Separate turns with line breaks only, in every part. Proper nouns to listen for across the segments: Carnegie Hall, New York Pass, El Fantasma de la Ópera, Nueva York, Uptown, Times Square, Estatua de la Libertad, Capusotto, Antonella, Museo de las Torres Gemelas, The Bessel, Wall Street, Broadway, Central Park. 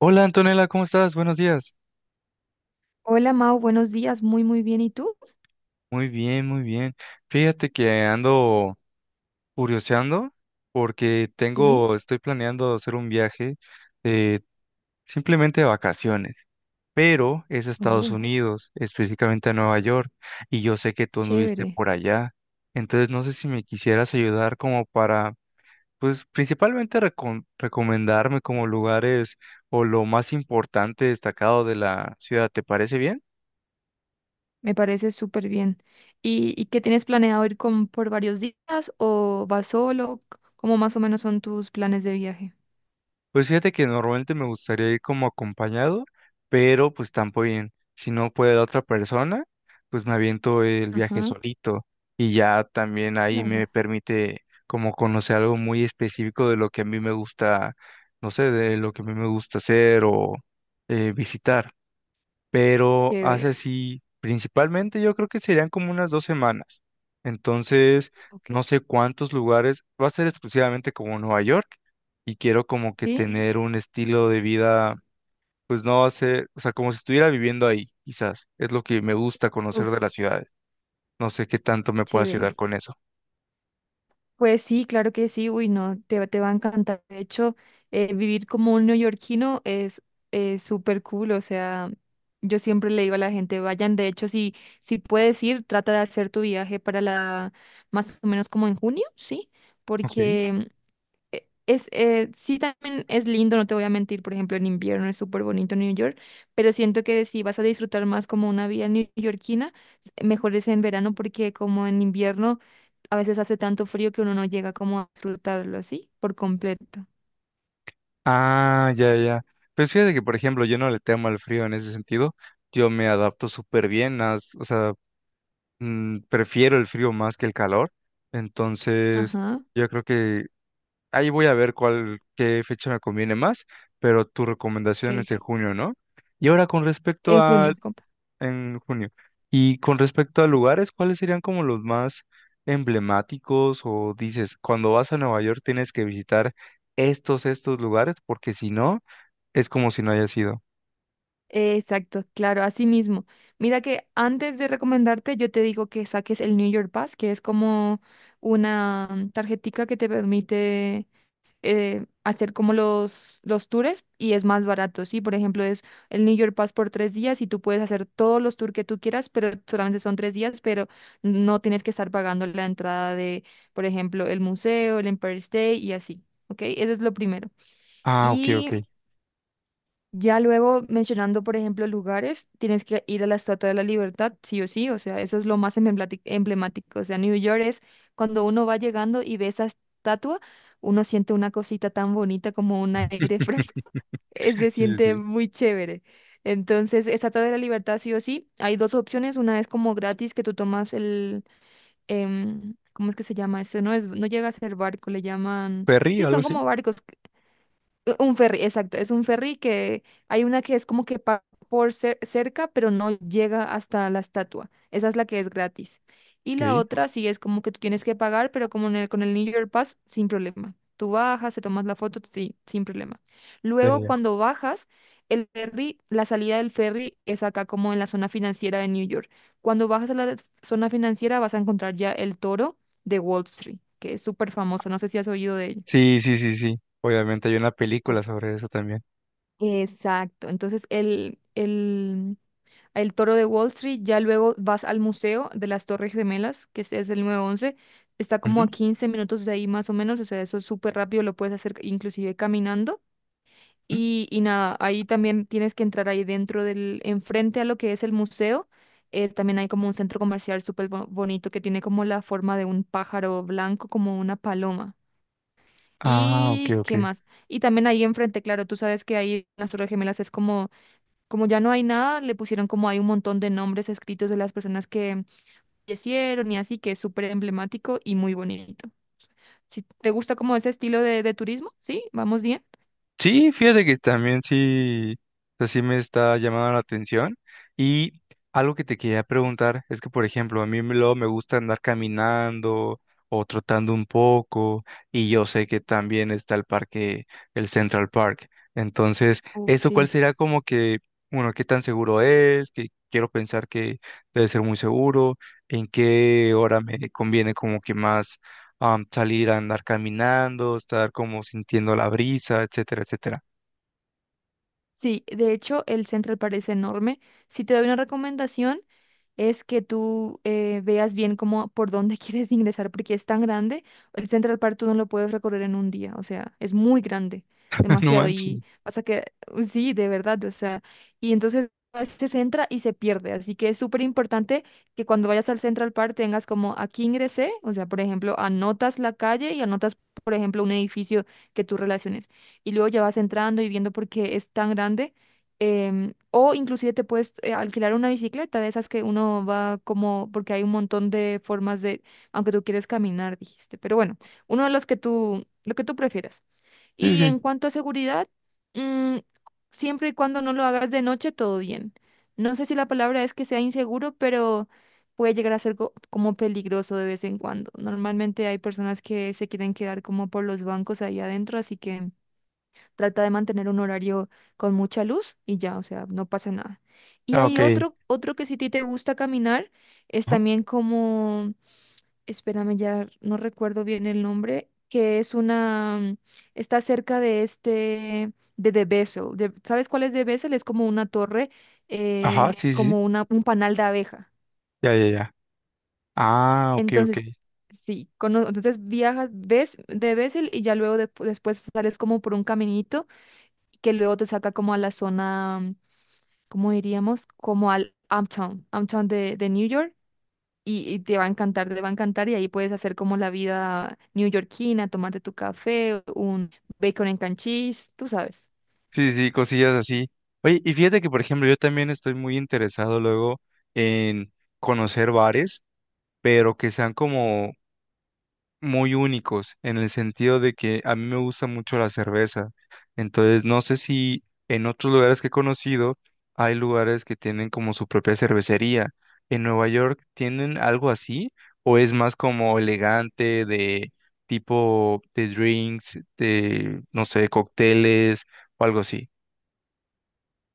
Hola Antonella, ¿cómo estás? Buenos días.
Hola Mau, buenos días, muy muy bien. ¿Y tú?
Muy bien, muy bien. Fíjate que ando curioseando porque
Sí,
estoy planeando hacer un viaje de simplemente de vacaciones, pero es a Estados
oh,
Unidos, específicamente a Nueva York, y yo sé que tú anduviste
chévere,
por allá. Entonces no sé si me quisieras ayudar como para, pues principalmente recomendarme como lugares o lo más importante destacado de la ciudad. ¿Te parece bien?
me parece súper bien. ¿Y qué tienes planeado ir con, por varios días o vas solo? ¿Cómo más o menos son tus planes de viaje?
Pues fíjate que normalmente me gustaría ir como acompañado, pero pues tampoco bien. Si no puede la otra persona, pues me aviento el viaje
Ajá,
solito y ya también ahí
claro,
me permite como conocer algo muy específico de lo que a mí me gusta, no sé, de lo que a mí me gusta hacer o visitar pero hace
chévere.
así, principalmente yo creo que serían como unas 2 semanas. Entonces,
Ok.
no sé cuántos lugares, va a ser exclusivamente como Nueva York y quiero como que
¿Sí?
tener un estilo de vida, pues no va a ser, o sea, como si estuviera viviendo ahí, quizás. Es lo que me gusta conocer de
Uf,
las ciudades. No sé qué tanto me pueda ayudar
chévere.
con eso.
Pues sí, claro que sí, uy, no, te, te va a encantar. De hecho, vivir como un neoyorquino es súper cool, o sea, yo siempre le digo a la gente, vayan, de hecho, si puedes ir, trata de hacer tu viaje para más o menos como en junio, ¿sí?
Ok.
Porque sí también es lindo, no te voy a mentir, por ejemplo, en invierno es súper bonito New York, pero siento que si vas a disfrutar más como una vida neoyorquina, mejor es en verano porque como en invierno a veces hace tanto frío que uno no llega como a disfrutarlo así por completo.
Ah, ya, ya. Pues fíjate que, por ejemplo, yo no le temo al frío en ese sentido. Yo me adapto súper bien, o sea, prefiero el frío más que el calor, entonces
Ajá,
yo creo que ahí voy a ver cuál, qué fecha me conviene más, pero tu
ok.
recomendación es en junio, ¿no? Y ahora con respecto
En
a,
junio, compa.
en junio, y con respecto a lugares, ¿cuáles serían como los más emblemáticos o dices, cuando vas a Nueva York tienes que visitar estos lugares, porque si no, es como si no hayas ido.
Exacto, claro, así mismo. Mira que antes de recomendarte, yo te digo que saques el New York Pass, que es como una tarjetica que te permite hacer como los tours y es más barato, ¿sí? Por ejemplo, es el New York Pass por 3 días y tú puedes hacer todos los tours que tú quieras, pero solamente son 3 días, pero no tienes que estar pagando la entrada de, por ejemplo, el museo, el Empire State y así, ¿ok? Eso es lo primero.
Ah, ok, ok.
Y ya luego mencionando, por ejemplo, lugares, tienes que ir a la Estatua de la Libertad, sí o sí, o sea, eso es lo más emblemático. O sea, New York es cuando uno va llegando y ve esa estatua, uno siente una cosita tan bonita como un aire fresco, se
Sí,
siente
sí.
muy chévere. Entonces, Estatua de la Libertad, sí o sí, hay dos opciones, una es como gratis que tú tomas. ¿Cómo es que se llama eso? No llega a ser barco, le llaman,
Perry,
sí,
algo
son como
así.
barcos. Un ferry, exacto, es un ferry que hay una que es como que pasa por cerca, pero no llega hasta la estatua. Esa es la que es gratis. Y la
Ok.
otra sí es como que tú tienes que pagar, pero como con el New York Pass, sin problema. Tú bajas, te tomas la foto, sí, sin problema. Luego,
Eh,
cuando bajas, el ferry, la salida del ferry es acá como en la zona financiera de New York. Cuando bajas a la zona financiera vas a encontrar ya el toro de Wall Street, que es súper famoso. No sé si has oído de ello.
Sí, sí, sí, sí. Obviamente hay una película sobre eso también.
Exacto. Entonces, el toro de Wall Street, ya luego vas al Museo de las Torres Gemelas, que este es el 9/11. Está como
Ujú.
a 15 minutos de ahí más o menos, o sea, eso es súper rápido, lo puedes hacer inclusive caminando.
Ujú.
Y nada, ahí también tienes que entrar ahí dentro enfrente a lo que es el museo. También hay como un centro comercial súper bonito que tiene como la forma de un pájaro blanco, como una paloma.
Ah, ok,
¿Y qué
ok.
más? Y también ahí enfrente, claro, tú sabes que ahí en las Torres Gemelas es como ya no hay nada, le pusieron como hay un montón de nombres escritos de las personas que fallecieron y así, que es súper emblemático y muy bonito. Si te gusta como ese estilo de turismo, ¿sí? ¿Vamos bien?
Sí, fíjate que también sí, o sea, sí me está llamando la atención. Y algo que te quería preguntar es que, por ejemplo, a mí luego me gusta andar caminando o trotando un poco, y yo sé que también está el parque, el Central Park. Entonces,
Uf,
¿eso cuál
sí.
será como que, bueno, qué tan seguro es? Que quiero pensar que debe ser muy seguro, en qué hora me conviene como que más salir a andar caminando, estar como sintiendo la brisa, etcétera, etcétera.
Sí, de hecho el Central parece enorme. Si te doy una recomendación, es que tú veas bien cómo, por dónde quieres ingresar, porque es tan grande. El Central Park tú no lo puedes recorrer en un día, o sea, es muy grande,
No
demasiado.
manches.
Y pasa que, sí, de verdad, o sea, y entonces a veces se entra y se pierde. Así que es súper importante que cuando vayas al Central Park tengas como aquí ingresé, o sea, por ejemplo, anotas la calle y anotas, por ejemplo, un edificio que tú relaciones. Y luego ya vas entrando y viendo porque es tan grande o inclusive te puedes alquilar una bicicleta de esas que uno va como, porque hay un montón de formas de, aunque tú quieres caminar, dijiste, pero bueno, uno de los que tú, lo que tú prefieras.
Sí,
Y en
sí.
cuanto a seguridad, mm, siempre y cuando no lo hagas de noche, todo bien. No sé si la palabra es que sea inseguro, pero puede llegar a ser como peligroso de vez en cuando. Normalmente hay personas que se quieren quedar como por los bancos ahí adentro, así que trata de mantener un horario con mucha luz y ya, o sea, no pasa nada. Y
Ah, ok.
hay
Claro.
otro que si a ti te gusta caminar, es también como, espérame, ya no recuerdo bien el nombre, que es una, está cerca de este, de The Bessel. ¿Sabes cuál es The Bessel? Es como una torre,
Ajá, ajá, sí, sí.
como un panal de abeja.
Ya, ya, ya. Ah, ok, ok.
Entonces, sí, entonces viajas, ves de Bessel y ya luego después sales como por un caminito que luego te saca como a la zona como diríamos, como al Uptown de New York, y te va a encantar, te va a encantar, y ahí puedes hacer como la vida neoyorquina, tomarte tu café, un bacon en and cream cheese, tú sabes.
Sí, sí, cosillas así. Oye, y fíjate que, por ejemplo, yo también estoy muy interesado luego en conocer bares, pero que sean como muy únicos en el sentido de que a mí me gusta mucho la cerveza. Entonces, no sé si en otros lugares que he conocido hay lugares que tienen como su propia cervecería. ¿En Nueva York tienen algo así? ¿O es más como elegante de tipo de drinks, de, no sé, cócteles o algo así?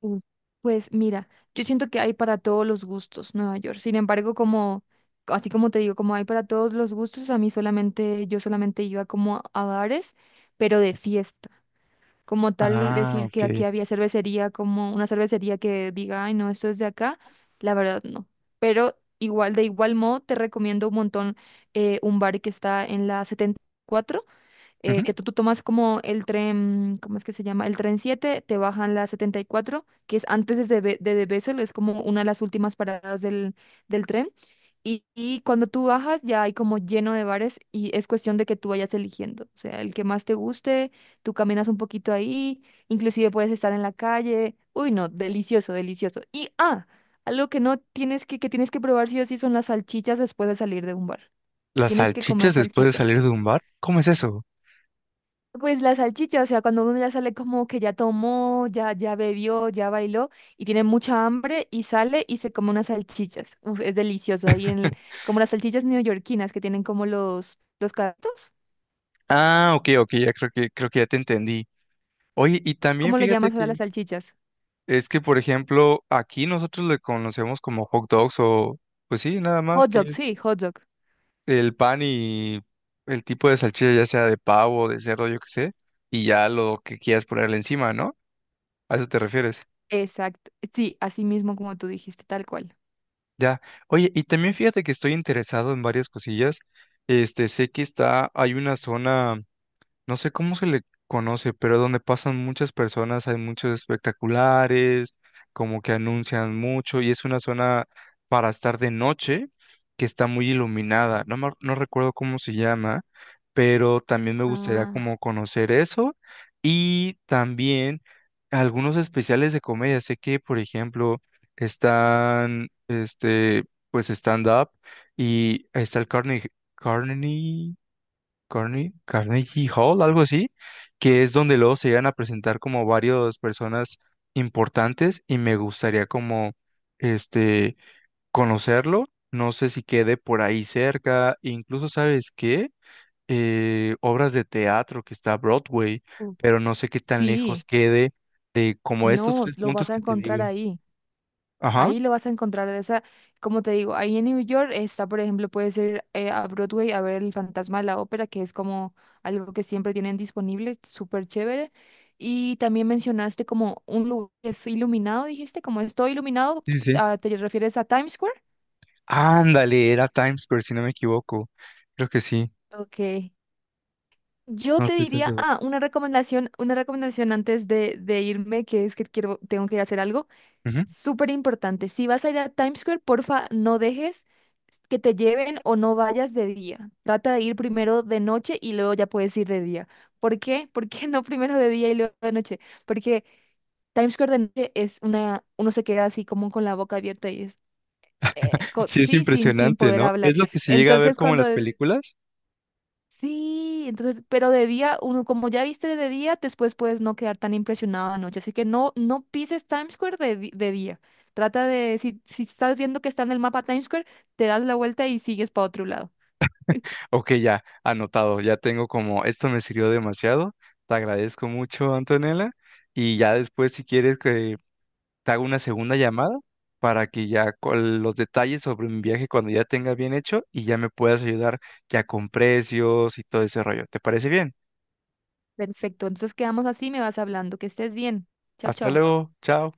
Mm. Pues mira, yo siento que hay para todos los gustos Nueva York. Sin embargo, como, así como te digo, como hay para todos los gustos, yo solamente iba como a bares, pero de fiesta. Como tal
Ah,
decir que
ok.
aquí había cervecería, como una cervecería que diga, ay, no, esto es de acá, la verdad no. Pero igual, de igual modo, te recomiendo un montón un bar que está en la 74
Ujú.
que tú tomas como el tren, ¿cómo es que se llama? El tren 7 te bajan la 74, que es antes de Bessel, es como una de las últimas paradas del tren. Y cuando tú bajas ya hay como lleno de bares y es cuestión de que tú vayas eligiendo, o sea, el que más te guste, tú caminas un poquito ahí, inclusive puedes estar en la calle. Uy, no, delicioso, delicioso. Y algo que no tienes que tienes que probar sí o sí son las salchichas después de salir de un bar.
¿Las
Tienes que comer
salchichas después de
salchicha.
salir de un bar? ¿Cómo es eso?
Pues la salchicha, o sea, cuando uno ya sale como que ya tomó, ya bebió, ya bailó y tiene mucha hambre y sale y se come unas salchichas. Uf, es delicioso. Ahí como las salchichas neoyorquinas que tienen como los carritos.
Ah, ok, ok, ya creo que ya te entendí. Oye, y también
¿Cómo le
fíjate
llamas a
que
las salchichas?
es que, por ejemplo, aquí nosotros le conocemos como hot dogs o, pues sí, nada más
Hot
que
dog,
es
sí, hot dog.
el pan y el tipo de salchicha, ya sea de pavo, de cerdo, yo qué sé, y ya lo que quieras ponerle encima, ¿no? A eso te refieres.
Exacto. Sí, así mismo como tú dijiste, tal cual.
Ya. Oye, y también fíjate que estoy interesado en varias cosillas. Este, sé que está, hay una zona. No sé cómo se le conoce, pero donde pasan muchas personas, hay muchos espectaculares, como que anuncian mucho, y es una zona para estar de noche que está muy iluminada. No, no recuerdo cómo se llama, pero también me gustaría
Ah,
como conocer eso y también algunos especiales de comedia. Sé que, por ejemplo, están, este, pues stand-up y está el Carnegie, Carnegie Hall, algo así, que es donde luego se llegan a presentar como varias personas importantes y me gustaría como este conocerlo. No sé si quede por ahí cerca, incluso sabes qué, obras de teatro que está Broadway,
uf.
pero no sé qué tan
Sí,
lejos quede de como estos
no,
tres
lo
puntos
vas a
que te
encontrar
digo.
ahí.
Ajá,
Ahí lo vas a encontrar de esa, como te digo, ahí en New York está, por ejemplo, puedes ir a Broadway a ver El Fantasma de la Ópera, que es como algo que siempre tienen disponible, súper chévere. Y también mencionaste como un lugar que es iluminado, dijiste, como es todo iluminado,
sí, sí. Sí.
¿te refieres a Times Square?
Ándale, era Times Square, si no me equivoco. Creo que sí,
Ok. Yo
no
te
estoy tan
diría,
seguro.
una recomendación antes de irme, que es que tengo que ir a hacer algo. Súper importante. Si vas a ir a Times Square, porfa, no dejes que te lleven o no vayas de día. Trata de ir primero de noche y luego ya puedes ir de día. ¿Por qué? ¿Por qué no primero de día y luego de noche? Porque Times Square de noche es uno se queda así como con la boca abierta y
Sí, es
sí, sin
impresionante,
poder
¿no?
hablar.
¿Es lo que se llega a ver
Entonces,
como en
cuando
las películas?
Sí, entonces, pero de día, uno, como ya viste de día, después puedes no quedar tan impresionado de noche. Así que no, no pises Times Square de día. Trata de, si, si estás viendo que está en el mapa Times Square, te das la vuelta y sigues para otro lado.
Ok, ya, anotado, ya tengo como, esto me sirvió demasiado, te agradezco mucho, Antonella, y ya después si quieres que te haga una segunda llamada para que ya con los detalles sobre mi viaje cuando ya tenga bien hecho y ya me puedas ayudar ya con precios y todo ese rollo. ¿Te parece bien?
Perfecto, entonces quedamos así, me vas hablando. Que estés bien. Chao,
Hasta
chao.
luego, chao.